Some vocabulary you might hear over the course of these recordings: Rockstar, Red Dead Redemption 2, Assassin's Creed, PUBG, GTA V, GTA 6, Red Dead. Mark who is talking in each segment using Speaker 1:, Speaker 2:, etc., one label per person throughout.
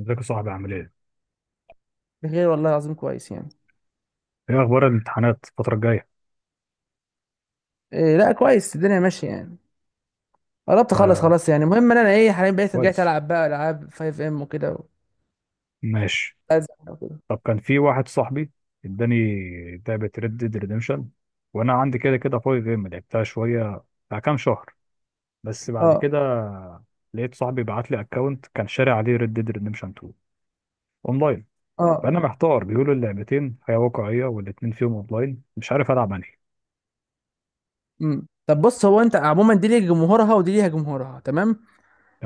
Speaker 1: ازيك يا صاحبي، عامل ايه؟
Speaker 2: بخير والله العظيم، كويس يعني.
Speaker 1: ايه اخبار الامتحانات الفترة الجاية؟
Speaker 2: إيه لا، كويس، الدنيا ماشيه يعني. قربت اخلص
Speaker 1: ده
Speaker 2: خلاص يعني. المهم ان انا ايه حاليا بقيت رجعت
Speaker 1: كويس.
Speaker 2: العب بقى العاب 5 ام وكده
Speaker 1: ماشي.
Speaker 2: أزهق وكده.
Speaker 1: طب كان في واحد صاحبي اداني لعبة ريد ديد ريديمشن، وانا عندي كده كده فاضي جيم، لعبتها شوية بتاع كام شهر، بس بعد
Speaker 2: اه،
Speaker 1: كده لقيت صاحبي بعت لي اكونت كان شاري عليه ريد ديد ريديمشن 2 اونلاين.
Speaker 2: اه.
Speaker 1: فانا محتار، بيقولوا اللعبتين حياة واقعية والاتنين فيهم اونلاين، مش عارف العب انهي.
Speaker 2: طب بص، هو انت عموما دي ليها جمهورها ودي ليها جمهورها تمام.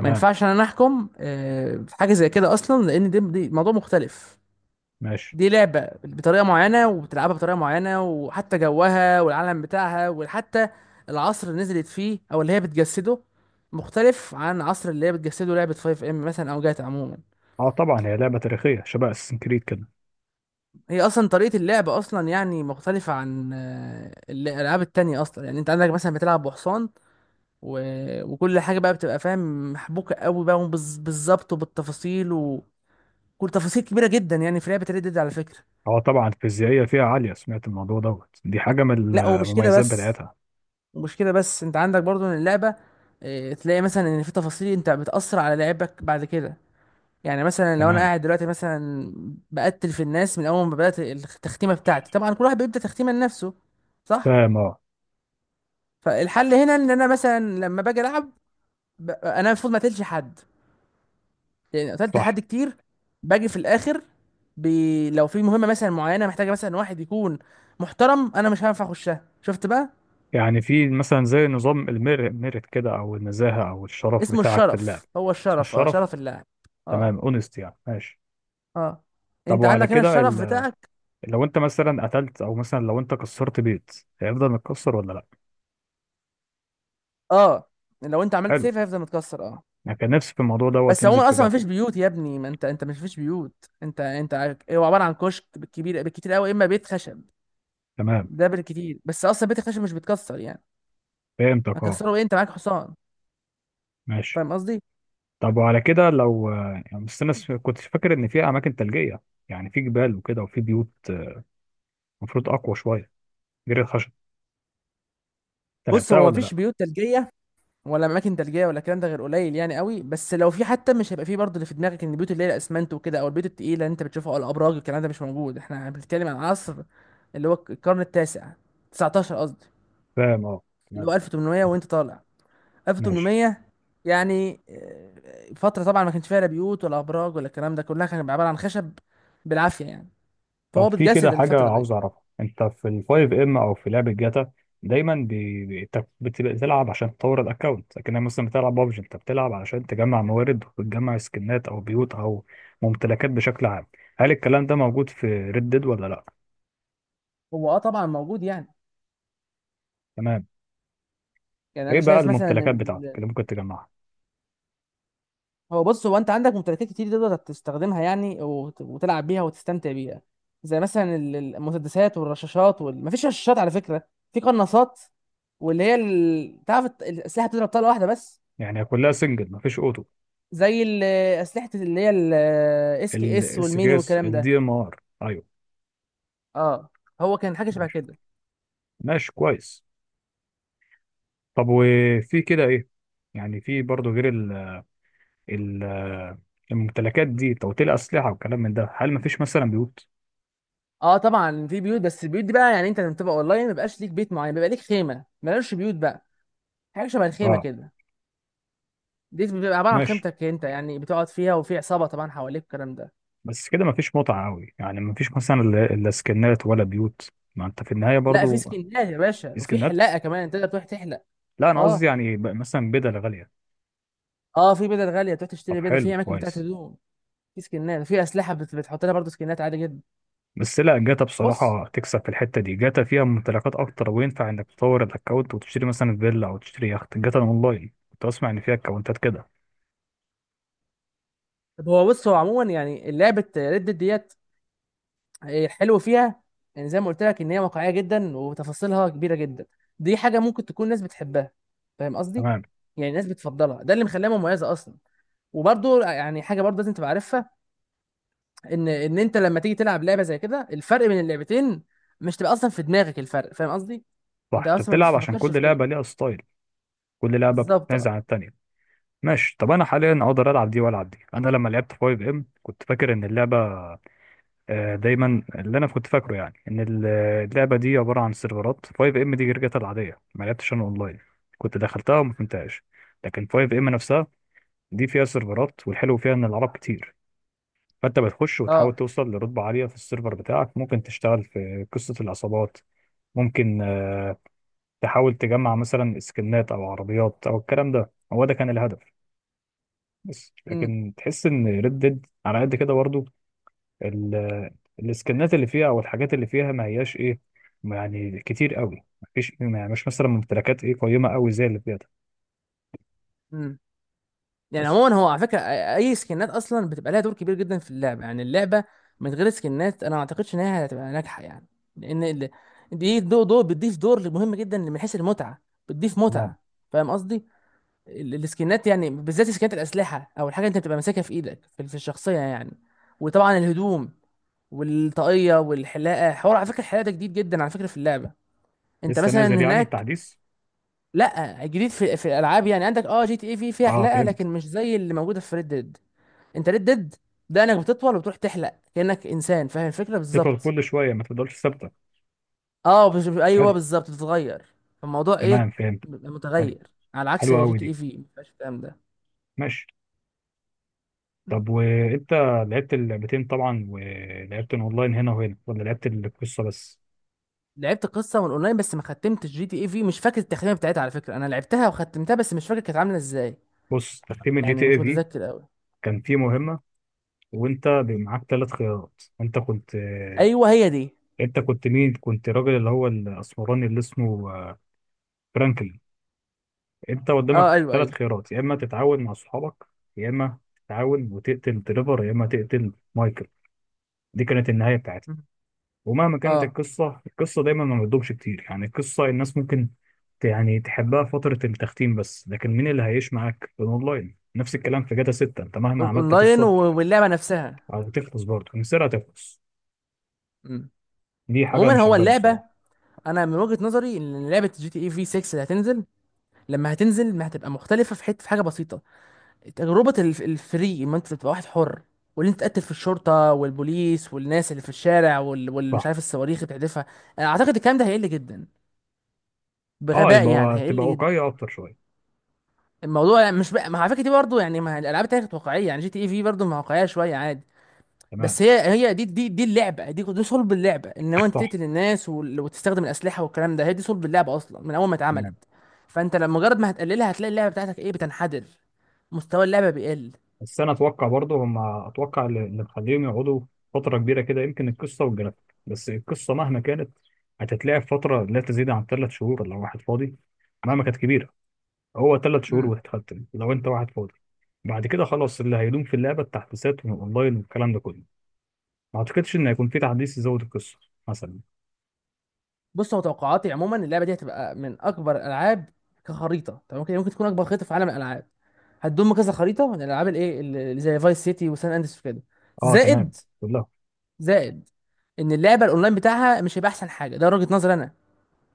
Speaker 2: ما ينفعش انا احكم في حاجه زي كده اصلا، لان دي موضوع مختلف.
Speaker 1: ماشي.
Speaker 2: دي لعبة بطريقة معينة وبتلعبها بطريقة معينة، وحتى جوها والعالم بتاعها، وحتى العصر اللي نزلت فيه أو اللي هي بتجسده مختلف عن عصر اللي هي بتجسده لعبة 5 ام مثلا أو جاتا عموما.
Speaker 1: اه طبعا هي لعبة تاريخية شبه اساسن كريد كده.
Speaker 2: هي أصلا طريقة اللعب أصلا يعني مختلفة عن الألعاب التانية أصلا. يعني أنت عندك مثلا بتلعب بحصان و... وكل حاجة بقى بتبقى فاهم محبوكة قوي بقى بالظبط وبالتفاصيل، وكل تفاصيل كبيرة جدا يعني في لعبة ريد ديد على فكرة.
Speaker 1: اه طبعا الفيزيائية فيها عالية، سمعت الموضوع دوت دي حاجة من
Speaker 2: لا ومش كده
Speaker 1: المميزات
Speaker 2: بس،
Speaker 1: بتاعتها.
Speaker 2: ومش كده بس انت عندك برضو ان اللعبه اه، تلاقي مثلا ان في تفاصيل انت بتاثر على لعبك بعد كده. يعني مثلا لو انا
Speaker 1: تمام.
Speaker 2: قاعد دلوقتي مثلا بقتل في الناس من اول ما بدات التختيمه بتاعتي، طبعا كل واحد بيبدا تختيمه لنفسه. صح.
Speaker 1: فاهم اه.
Speaker 2: فالحل هنا ان انا مثلا لما باجي العب، انا المفروض ما قتلش حد، لان قتلت
Speaker 1: صح.
Speaker 2: حد كتير. باجي في الاخر، لو في مهمه مثلا معينه محتاجه مثلا واحد يكون محترم، انا مش هينفع اخشها. شفت بقى.
Speaker 1: يعني في مثلا زي نظام الميرت كده، او النزاهة، او الشرف
Speaker 2: اسمه
Speaker 1: بتاعك في اللعب.
Speaker 2: الشرف، هو
Speaker 1: اسمه
Speaker 2: الشرف، اه،
Speaker 1: الشرف.
Speaker 2: شرف اللاعب. اه.
Speaker 1: تمام، اونست يعني. ماشي.
Speaker 2: اه.
Speaker 1: طب
Speaker 2: انت
Speaker 1: وعلى
Speaker 2: عندك هنا
Speaker 1: كده
Speaker 2: الشرف بتاعك.
Speaker 1: لو انت مثلا قتلت، او مثلا لو انت كسرت بيت، هيفضل متكسر ولا لا؟
Speaker 2: اه. لو انت عملت
Speaker 1: حلو.
Speaker 2: سيف هيفضل متكسر، اه.
Speaker 1: انا كان نفسي في الموضوع دوت
Speaker 2: بس
Speaker 1: ينزل
Speaker 2: عموما
Speaker 1: في
Speaker 2: اصلا ما فيش
Speaker 1: جاتا.
Speaker 2: بيوت يا ابني، ما انت مش فيش بيوت. انت هو عباره عن كشك، بالكبير بالكتير قوي اما بيت خشب.
Speaker 1: تمام،
Speaker 2: ده بالكتير، بس اصلا بيت الخشب مش بيتكسر يعني.
Speaker 1: فهمتك اه.
Speaker 2: هكسره ايه؟ انت معاك حصان.
Speaker 1: ماشي.
Speaker 2: فاهم قصدي.
Speaker 1: طب وعلى كده، لو يعني، بس انا كنت فاكر ان في اماكن ثلجية، يعني في جبال وكده وفي بيوت، المفروض اقوى شويه جري الخشب. انت
Speaker 2: بص،
Speaker 1: لعبتها
Speaker 2: هو ما
Speaker 1: ولا
Speaker 2: فيش
Speaker 1: لا؟
Speaker 2: بيوت ثلجيه ولا اماكن ثلجيه، ولا الكلام ده غير قليل يعني قوي، بس لو في حتى مش هيبقى فيه برضه اللي في دماغك ان البيوت اللي هي الاسمنت وكده او البيوت التقيله اللي انت بتشوفها او الابراج، الكلام ده مش موجود. احنا بنتكلم عن عصر اللي هو القرن التاسع 19، قصدي،
Speaker 1: فاهم اه.
Speaker 2: اللي
Speaker 1: تمام.
Speaker 2: هو 1800 وانت طالع،
Speaker 1: ماشي.
Speaker 2: 1800. يعني فترة طبعا ما كانش فيها لا بيوت ولا ابراج ولا الكلام ده، كلها كان عبارة عن خشب بالعافية يعني. فهو
Speaker 1: طب في كده
Speaker 2: بتجسد
Speaker 1: حاجه
Speaker 2: الفترة دي.
Speaker 1: عاوز اعرفها. انت في الفايف ام او في لعبه جاتا دايما بتلعب عشان تطور الاكونت، لكن مثلا بتلعب بابجي انت بتلعب علشان تجمع موارد وتجمع سكنات او بيوت او ممتلكات بشكل عام. هل الكلام ده موجود في ريد ديد ولا لا؟
Speaker 2: هو اه طبعا موجود يعني.
Speaker 1: تمام.
Speaker 2: يعني
Speaker 1: ايه
Speaker 2: انا
Speaker 1: بقى
Speaker 2: شايف مثلا ان
Speaker 1: الممتلكات بتاعتك اللي ممكن تجمعها؟
Speaker 2: هو بص، هو انت عندك ممتلكات كتير تقدر تستخدمها يعني وتلعب بيها وتستمتع بيها، زي مثلا المسدسات والرشاشات مفيش رشاشات على فكرة، في قناصات، واللي هي تعرف الاسلحة بتضرب طلقة واحدة بس.
Speaker 1: يعني كلها سنجل، مفيش اوتو؟
Speaker 2: زي اسلحه اللي هي الاس كي اس
Speaker 1: الاس
Speaker 2: والميني
Speaker 1: كي اس
Speaker 2: والكلام ده.
Speaker 1: الدي ام ار، ايوه.
Speaker 2: اه. هو كان حاجه شبه
Speaker 1: ماشي.
Speaker 2: كده.
Speaker 1: ماشي كويس. طب وفي كده ايه، يعني في برضه غير ال الممتلكات دي توتيل اسلحه وكلام من ده، هل مفيش مثلا بيوت؟
Speaker 2: اه طبعا في بيوت، بس البيوت دي بقى يعني انت لما بتبقى اونلاين ما بيبقاش ليك بيت معين، بيبقى ليك خيمه، مالهاش بيوت بقى. حاجه شبه الخيمه
Speaker 1: اه.
Speaker 2: كده. دي بتبقى عباره عن
Speaker 1: ماشي.
Speaker 2: خيمتك انت يعني، بتقعد فيها وفي عصابه طبعا حواليك، الكلام ده.
Speaker 1: بس كده مفيش متعه قوي، يعني مفيش مثلا، لا لا، سكنات ولا بيوت، ما انت في النهايه
Speaker 2: لا في
Speaker 1: برضه.
Speaker 2: سكنات يا
Speaker 1: في
Speaker 2: باشا، وفي
Speaker 1: سكنات؟
Speaker 2: حلاقه كمان تقدر تروح تحلق.
Speaker 1: لا انا قصدي
Speaker 2: اه.
Speaker 1: يعني مثلا بدل غاليه.
Speaker 2: اه في بدل غاليه، تروح
Speaker 1: طب
Speaker 2: تشتري بدل
Speaker 1: حلو.
Speaker 2: في اماكن بتاعت
Speaker 1: كويس.
Speaker 2: هدوم. في سكنات، في اسلحه بتحط لها برضه سكنات، عادي جدا.
Speaker 1: بس لا، جاتا
Speaker 2: بص،
Speaker 1: بصراحه تكسب في الحته دي، جاتا فيها ممتلكات اكتر، وينفع انك تطور الاكونت وتشتري مثلا فيلا او تشتري يخت، جاتا اونلاين كنت اسمع ان فيها اكونتات كده.
Speaker 2: طب هو بص، هو عموما يعني لعبه ريد ديت الحلو فيها، يعني زي ما قلت لك ان هي واقعيه جدا وتفاصيلها كبيره جدا، دي حاجه ممكن تكون ناس بتحبها. فاهم قصدي.
Speaker 1: تمام.
Speaker 2: يعني ناس بتفضلها، ده اللي مخليها مميزه اصلا. وبرضو يعني حاجه برضو لازم تبقى عارفها، ان انت لما تيجي تلعب لعبه زي كده الفرق بين اللعبتين مش تبقى اصلا في دماغك الفرق. فاهم قصدي.
Speaker 1: صح،
Speaker 2: انت
Speaker 1: انت
Speaker 2: اصلا مش
Speaker 1: بتلعب عشان
Speaker 2: بتفكرش في
Speaker 1: كل
Speaker 2: كده.
Speaker 1: لعبه ليها ستايل. كل لعبه
Speaker 2: بالظبط
Speaker 1: بتنازع
Speaker 2: اه.
Speaker 1: عن التانيه. ماشي. طب انا حاليا اقدر العب دي والعب دي. انا لما لعبت 5 ام كنت فاكر ان اللعبه، دايما اللي انا كنت فاكره يعني ان اللعبه دي عباره عن سيرفرات، 5 ام دي جرجتها العاديه، ما لعبتش انا اونلاين، كنت دخلتها وما فهمتهاش. لكن 5 ام نفسها دي فيها سيرفرات، والحلو فيها ان العرب كتير، فانت بتخش وتحاول
Speaker 2: اه.
Speaker 1: توصل لرتبه عاليه في السيرفر بتاعك، ممكن تشتغل في قصه العصابات، ممكن تحاول تجمع مثلا سكنات او عربيات او الكلام ده، هو ده كان الهدف. بس لكن تحس ان ريد ديد على قد كده برضو، ال- السكنات اللي فيها او الحاجات اللي فيها ما هياش ايه، يعني كتير قوي، مفيش مش مثلا ممتلكات ايه قيمه قوي زي اللي فيها ده
Speaker 2: امم يعني
Speaker 1: بس.
Speaker 2: عموما هو على فكره، اي سكنات اصلا بتبقى لها دور كبير جدا في اللعبه، يعني اللعبه من غير سكنات انا ما اعتقدش ان هي هتبقى ناجحه يعني، لان دي دور بتضيف دور مهم جدا من حيث المتعه، بتضيف
Speaker 1: تمام.
Speaker 2: متعه. فاهم قصدي. السكنات يعني بالذات سكنات الاسلحه، او الحاجه انت بتبقى ماسكها في ايدك في الشخصيه يعني. وطبعا الهدوم والطاقيه والحلاقه. حوار على فكره الحلاقه ده جديد جدا على فكره في اللعبه. انت
Speaker 1: لسه
Speaker 2: مثلا
Speaker 1: نازل يعني
Speaker 2: هناك،
Speaker 1: تحديث؟
Speaker 2: لا جديد في الالعاب يعني، عندك اه جي تي اي في فيها
Speaker 1: اه
Speaker 2: حلاقه
Speaker 1: فهمت.
Speaker 2: لكن مش زي اللي موجوده في ريد ديد. انت ريد ديد دقنك بتطول وبتروح تحلق كأنك انسان، فاهم الفكرة
Speaker 1: تفضل
Speaker 2: بالظبط.
Speaker 1: كل شويه، ما تفضلش ثابته.
Speaker 2: اه ايوه
Speaker 1: حلو.
Speaker 2: بالظبط بتتغير. فالموضوع ايه،
Speaker 1: تمام فهمت.
Speaker 2: بيبقى
Speaker 1: حلو.
Speaker 2: متغير، على عكس
Speaker 1: حلوه
Speaker 2: جي
Speaker 1: قوي
Speaker 2: تي اي
Speaker 1: دي.
Speaker 2: في ما فيهاش الكلام ده.
Speaker 1: ماشي. طب وانت لعبت اللعبتين طبعا، ولعبت اونلاين هنا وهنا ولا لعبت القصه بس؟
Speaker 2: لعبت قصة من اونلاين بس، ما ختمتش جي تي اي في، مش فاكر التختيمة بتاعتها على فكرة، انا لعبتها وختمتها بس مش فاكر كانت عاملة ازاي،
Speaker 1: بص، تختيم الجي تي
Speaker 2: يعني
Speaker 1: اي
Speaker 2: مش
Speaker 1: في
Speaker 2: متذكر قوي.
Speaker 1: كان فيه مهمة، وانت معاك ثلاث خيارات. انت كنت
Speaker 2: ايوه هي دي.
Speaker 1: انت كنت مين؟ كنت راجل اللي هو الاسمراني اللي اسمه فرانكلين. انت قدامك
Speaker 2: اه ايوه
Speaker 1: ثلاث
Speaker 2: ايوه.
Speaker 1: خيارات: يا اما تتعاون مع صحابك، يا اما تتعاون وتقتل تريفر، يا اما تقتل مايكل. دي كانت النهاية بتاعتها.
Speaker 2: مم.
Speaker 1: ومهما كانت
Speaker 2: اه
Speaker 1: القصة، القصة دايما ما بتدومش كتير، يعني القصة الناس ممكن يعني تحبها فترة التختيم بس، لكن مين اللي هيعيش معاك في الاونلاين؟ نفس الكلام في جاتا 6، انت مهما عملت
Speaker 2: اونلاين
Speaker 1: قصة
Speaker 2: واللعبة نفسها.
Speaker 1: هتخلص، برضه مصر هتخلص.
Speaker 2: مم.
Speaker 1: دي حاجه
Speaker 2: عموما
Speaker 1: مش
Speaker 2: هو
Speaker 1: عجباني
Speaker 2: اللعبة،
Speaker 1: بصراحه.
Speaker 2: انا من وجهة نظري ان لعبة جي تي اي في 6 اللي هتنزل لما هتنزل ما هتبقى مختلفه في حته في حاجه بسيطه. تجربه الفري، ما انت تبقى واحد حر، واللي انت تقتل في الشرطه والبوليس والناس اللي في الشارع واللي مش
Speaker 1: صح
Speaker 2: عارف الصواريخ اللي بتحدفها، انا اعتقد الكلام ده هيقل جدا
Speaker 1: اه،
Speaker 2: بغباء يعني،
Speaker 1: يبقى تبقى
Speaker 2: هيقل جدا.
Speaker 1: واقعيه اكتر شويه.
Speaker 2: الموضوع مش بقى، ما على فكره دي برضه يعني، ما الالعاب التانية كانت واقعيه يعني، جي تي اي في برضه ما واقعيه شويه، عادي.
Speaker 1: تمام.
Speaker 2: بس هي دي اللعبه دي صلب اللعبه، ان هو انت
Speaker 1: صح.
Speaker 2: تقتل الناس وتستخدم الاسلحه والكلام ده، هي دي صلب اللعبه اصلا من اول ما اتعملت.
Speaker 1: تمام.
Speaker 2: فانت لما مجرد ما هتقللها هتلاقي اللعبه بتاعتك ايه بتنحدر، مستوى اللعبه بيقل.
Speaker 1: بس انا اتوقع برضه، هم اتوقع اللي مخليهم يقعدوا فتره كبيره كده، يمكن القصه والجرافيك، بس القصه مهما كانت هتتلعب فتره لا تزيد عن ثلاث شهور لو واحد فاضي، مهما كانت كبيره، هو ثلاث شهور
Speaker 2: امم
Speaker 1: وهتختم لو انت واحد فاضي. بعد كده خلاص، اللي هيدوم في اللعبه التحديثات والاونلاين والكلام ده كله، ما اعتقدش ان هيكون في تحديث يزود القصه مثلا.
Speaker 2: بص، هو توقعاتي عموما اللعبه دي هتبقى من اكبر الالعاب كخريطه، طب ممكن ممكن تكون اكبر خريطه في عالم الالعاب. هتضم كذا خريطه من الالعاب الايه اللي زي فايس سيتي وسان اندرس وكده،
Speaker 1: اه تمام.
Speaker 2: زائد،
Speaker 1: كلها.
Speaker 2: زائد ان اللعبه الاونلاين بتاعها مش هيبقى احسن حاجه، ده وجهه نظري انا،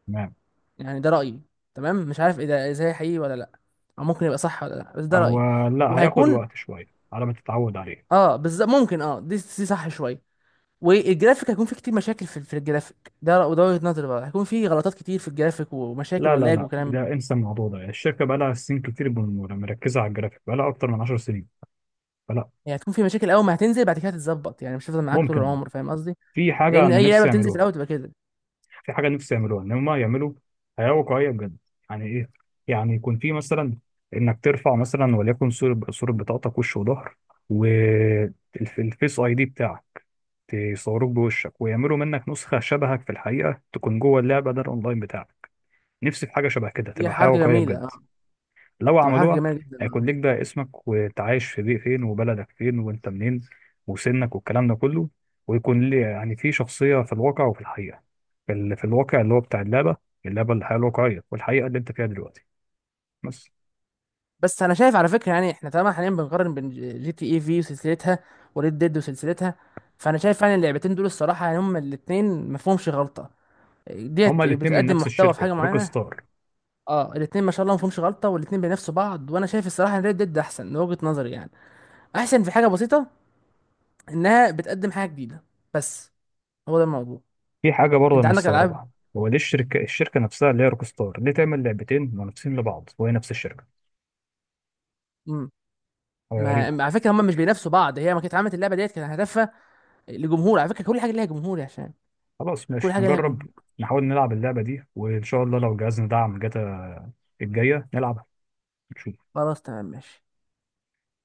Speaker 1: تمام.
Speaker 2: يعني ده رايي. تمام، مش عارف ايه ده زي حقيقي ولا لا، او ممكن يبقى صح ولا لا، بس ده
Speaker 1: هو
Speaker 2: رايي.
Speaker 1: لا، هياخد
Speaker 2: وهيكون،
Speaker 1: وقت شوية على ما تتعود عليه.
Speaker 2: اه بالظبط ممكن، اه دي دي صح شويه. والجرافيك هيكون فيه كتير مشاكل في الجرافيك ده، وده وجهة نظري بقى، هيكون فيه غلطات كتير في الجرافيك ومشاكل
Speaker 1: لا لا
Speaker 2: ولاج
Speaker 1: لا،
Speaker 2: وكلام.
Speaker 1: ده انسى الموضوع ده، الشركة بقى لها سنين كتير يعني مركزة على الجرافيك، بقى لها أكتر من 10 سنين، فلا.
Speaker 2: يعني هتكون فيه مشاكل اول ما هتنزل، بعد كده هتتظبط يعني، مش هتفضل معاك طول
Speaker 1: ممكن اه.
Speaker 2: العمر، فاهم قصدي،
Speaker 1: في حاجة
Speaker 2: لان
Speaker 1: أنا
Speaker 2: اي لعبة
Speaker 1: نفسي
Speaker 2: بتنزل في
Speaker 1: يعملوها.
Speaker 2: الاول تبقى كده.
Speaker 1: في حاجة نفسي يعملوها، إن هما يعملوا حياة واقعية بجد. يعني إيه؟ يعني يكون في مثلا إنك ترفع مثلا، وليكن صورة، صورة بطاقتك وش وظهر، والفيس أي دي بتاعك، تصوروك بوشك، ويعملوا منك نسخة شبهك في الحقيقة، تكون جوه اللعبة، ده الأونلاين بتاعك. نفسي في حاجة شبه كده،
Speaker 2: دي
Speaker 1: تبقى حياة
Speaker 2: حركة
Speaker 1: واقعية
Speaker 2: جميلة
Speaker 1: بجد.
Speaker 2: اه.
Speaker 1: لو
Speaker 2: تبقى حركة
Speaker 1: عملوها،
Speaker 2: جميلة جدا
Speaker 1: هيكون
Speaker 2: آه.
Speaker 1: ليك بقى اسمك، وانت عايش في بيئة فين، وبلدك فين، وانت منين، وسنك، والكلام ده كله. ويكون لي يعني في شخصية في الواقع وفي الحقيقة في الواقع اللي هو بتاع اللعبة، اللعبة الحياة الواقعية، والحقيقة اللي انت فيها دلوقتي بس.
Speaker 2: بس انا شايف على فكرة، يعني احنا طالما حاليا بنقارن بين جي تي اي في وسلسلتها وريد ديد وسلسلتها، فانا شايف فعلا اللعبتين دول الصراحة يعني هما الاتنين مفهومش غلطة،
Speaker 1: هما
Speaker 2: ديت
Speaker 1: الاتنين من
Speaker 2: بتقدم
Speaker 1: نفس
Speaker 2: محتوى في حاجة
Speaker 1: الشركة، روك
Speaker 2: معينة.
Speaker 1: ستار.
Speaker 2: اه الاثنين ما شاء الله ما فيهمش غلطه، والاثنين بينافسوا بعض، وانا شايف الصراحه ان ريد ديد احسن من وجهه نظري يعني، احسن في حاجه بسيطه، انها بتقدم حاجه جديده بس، هو ده الموضوع.
Speaker 1: في حاجة برضه
Speaker 2: انت
Speaker 1: أنا
Speaker 2: عندك العاب.
Speaker 1: مستغربها، هو ليه الشركة نفسها اللي هي روك ستار ليه تعمل لعبتين منافسين لبعض وهي نفس الشركة؟
Speaker 2: مم.
Speaker 1: حاجة غريبة.
Speaker 2: على فكره هم مش بينافسوا بعض، هي ما كانت عملت اللعبه ديت كان هدفها لجمهور، على فكره كل حاجه ليها جمهور يا هشام.
Speaker 1: خلاص
Speaker 2: كل
Speaker 1: ماشي،
Speaker 2: حاجه ليها
Speaker 1: نجرب.
Speaker 2: جمهور.
Speaker 1: نحاول نلعب اللعبة دي، وإن شاء الله لو جهازنا دعم جاتا الجاية نلعب، نشوف.
Speaker 2: خلاص تمام ماشي.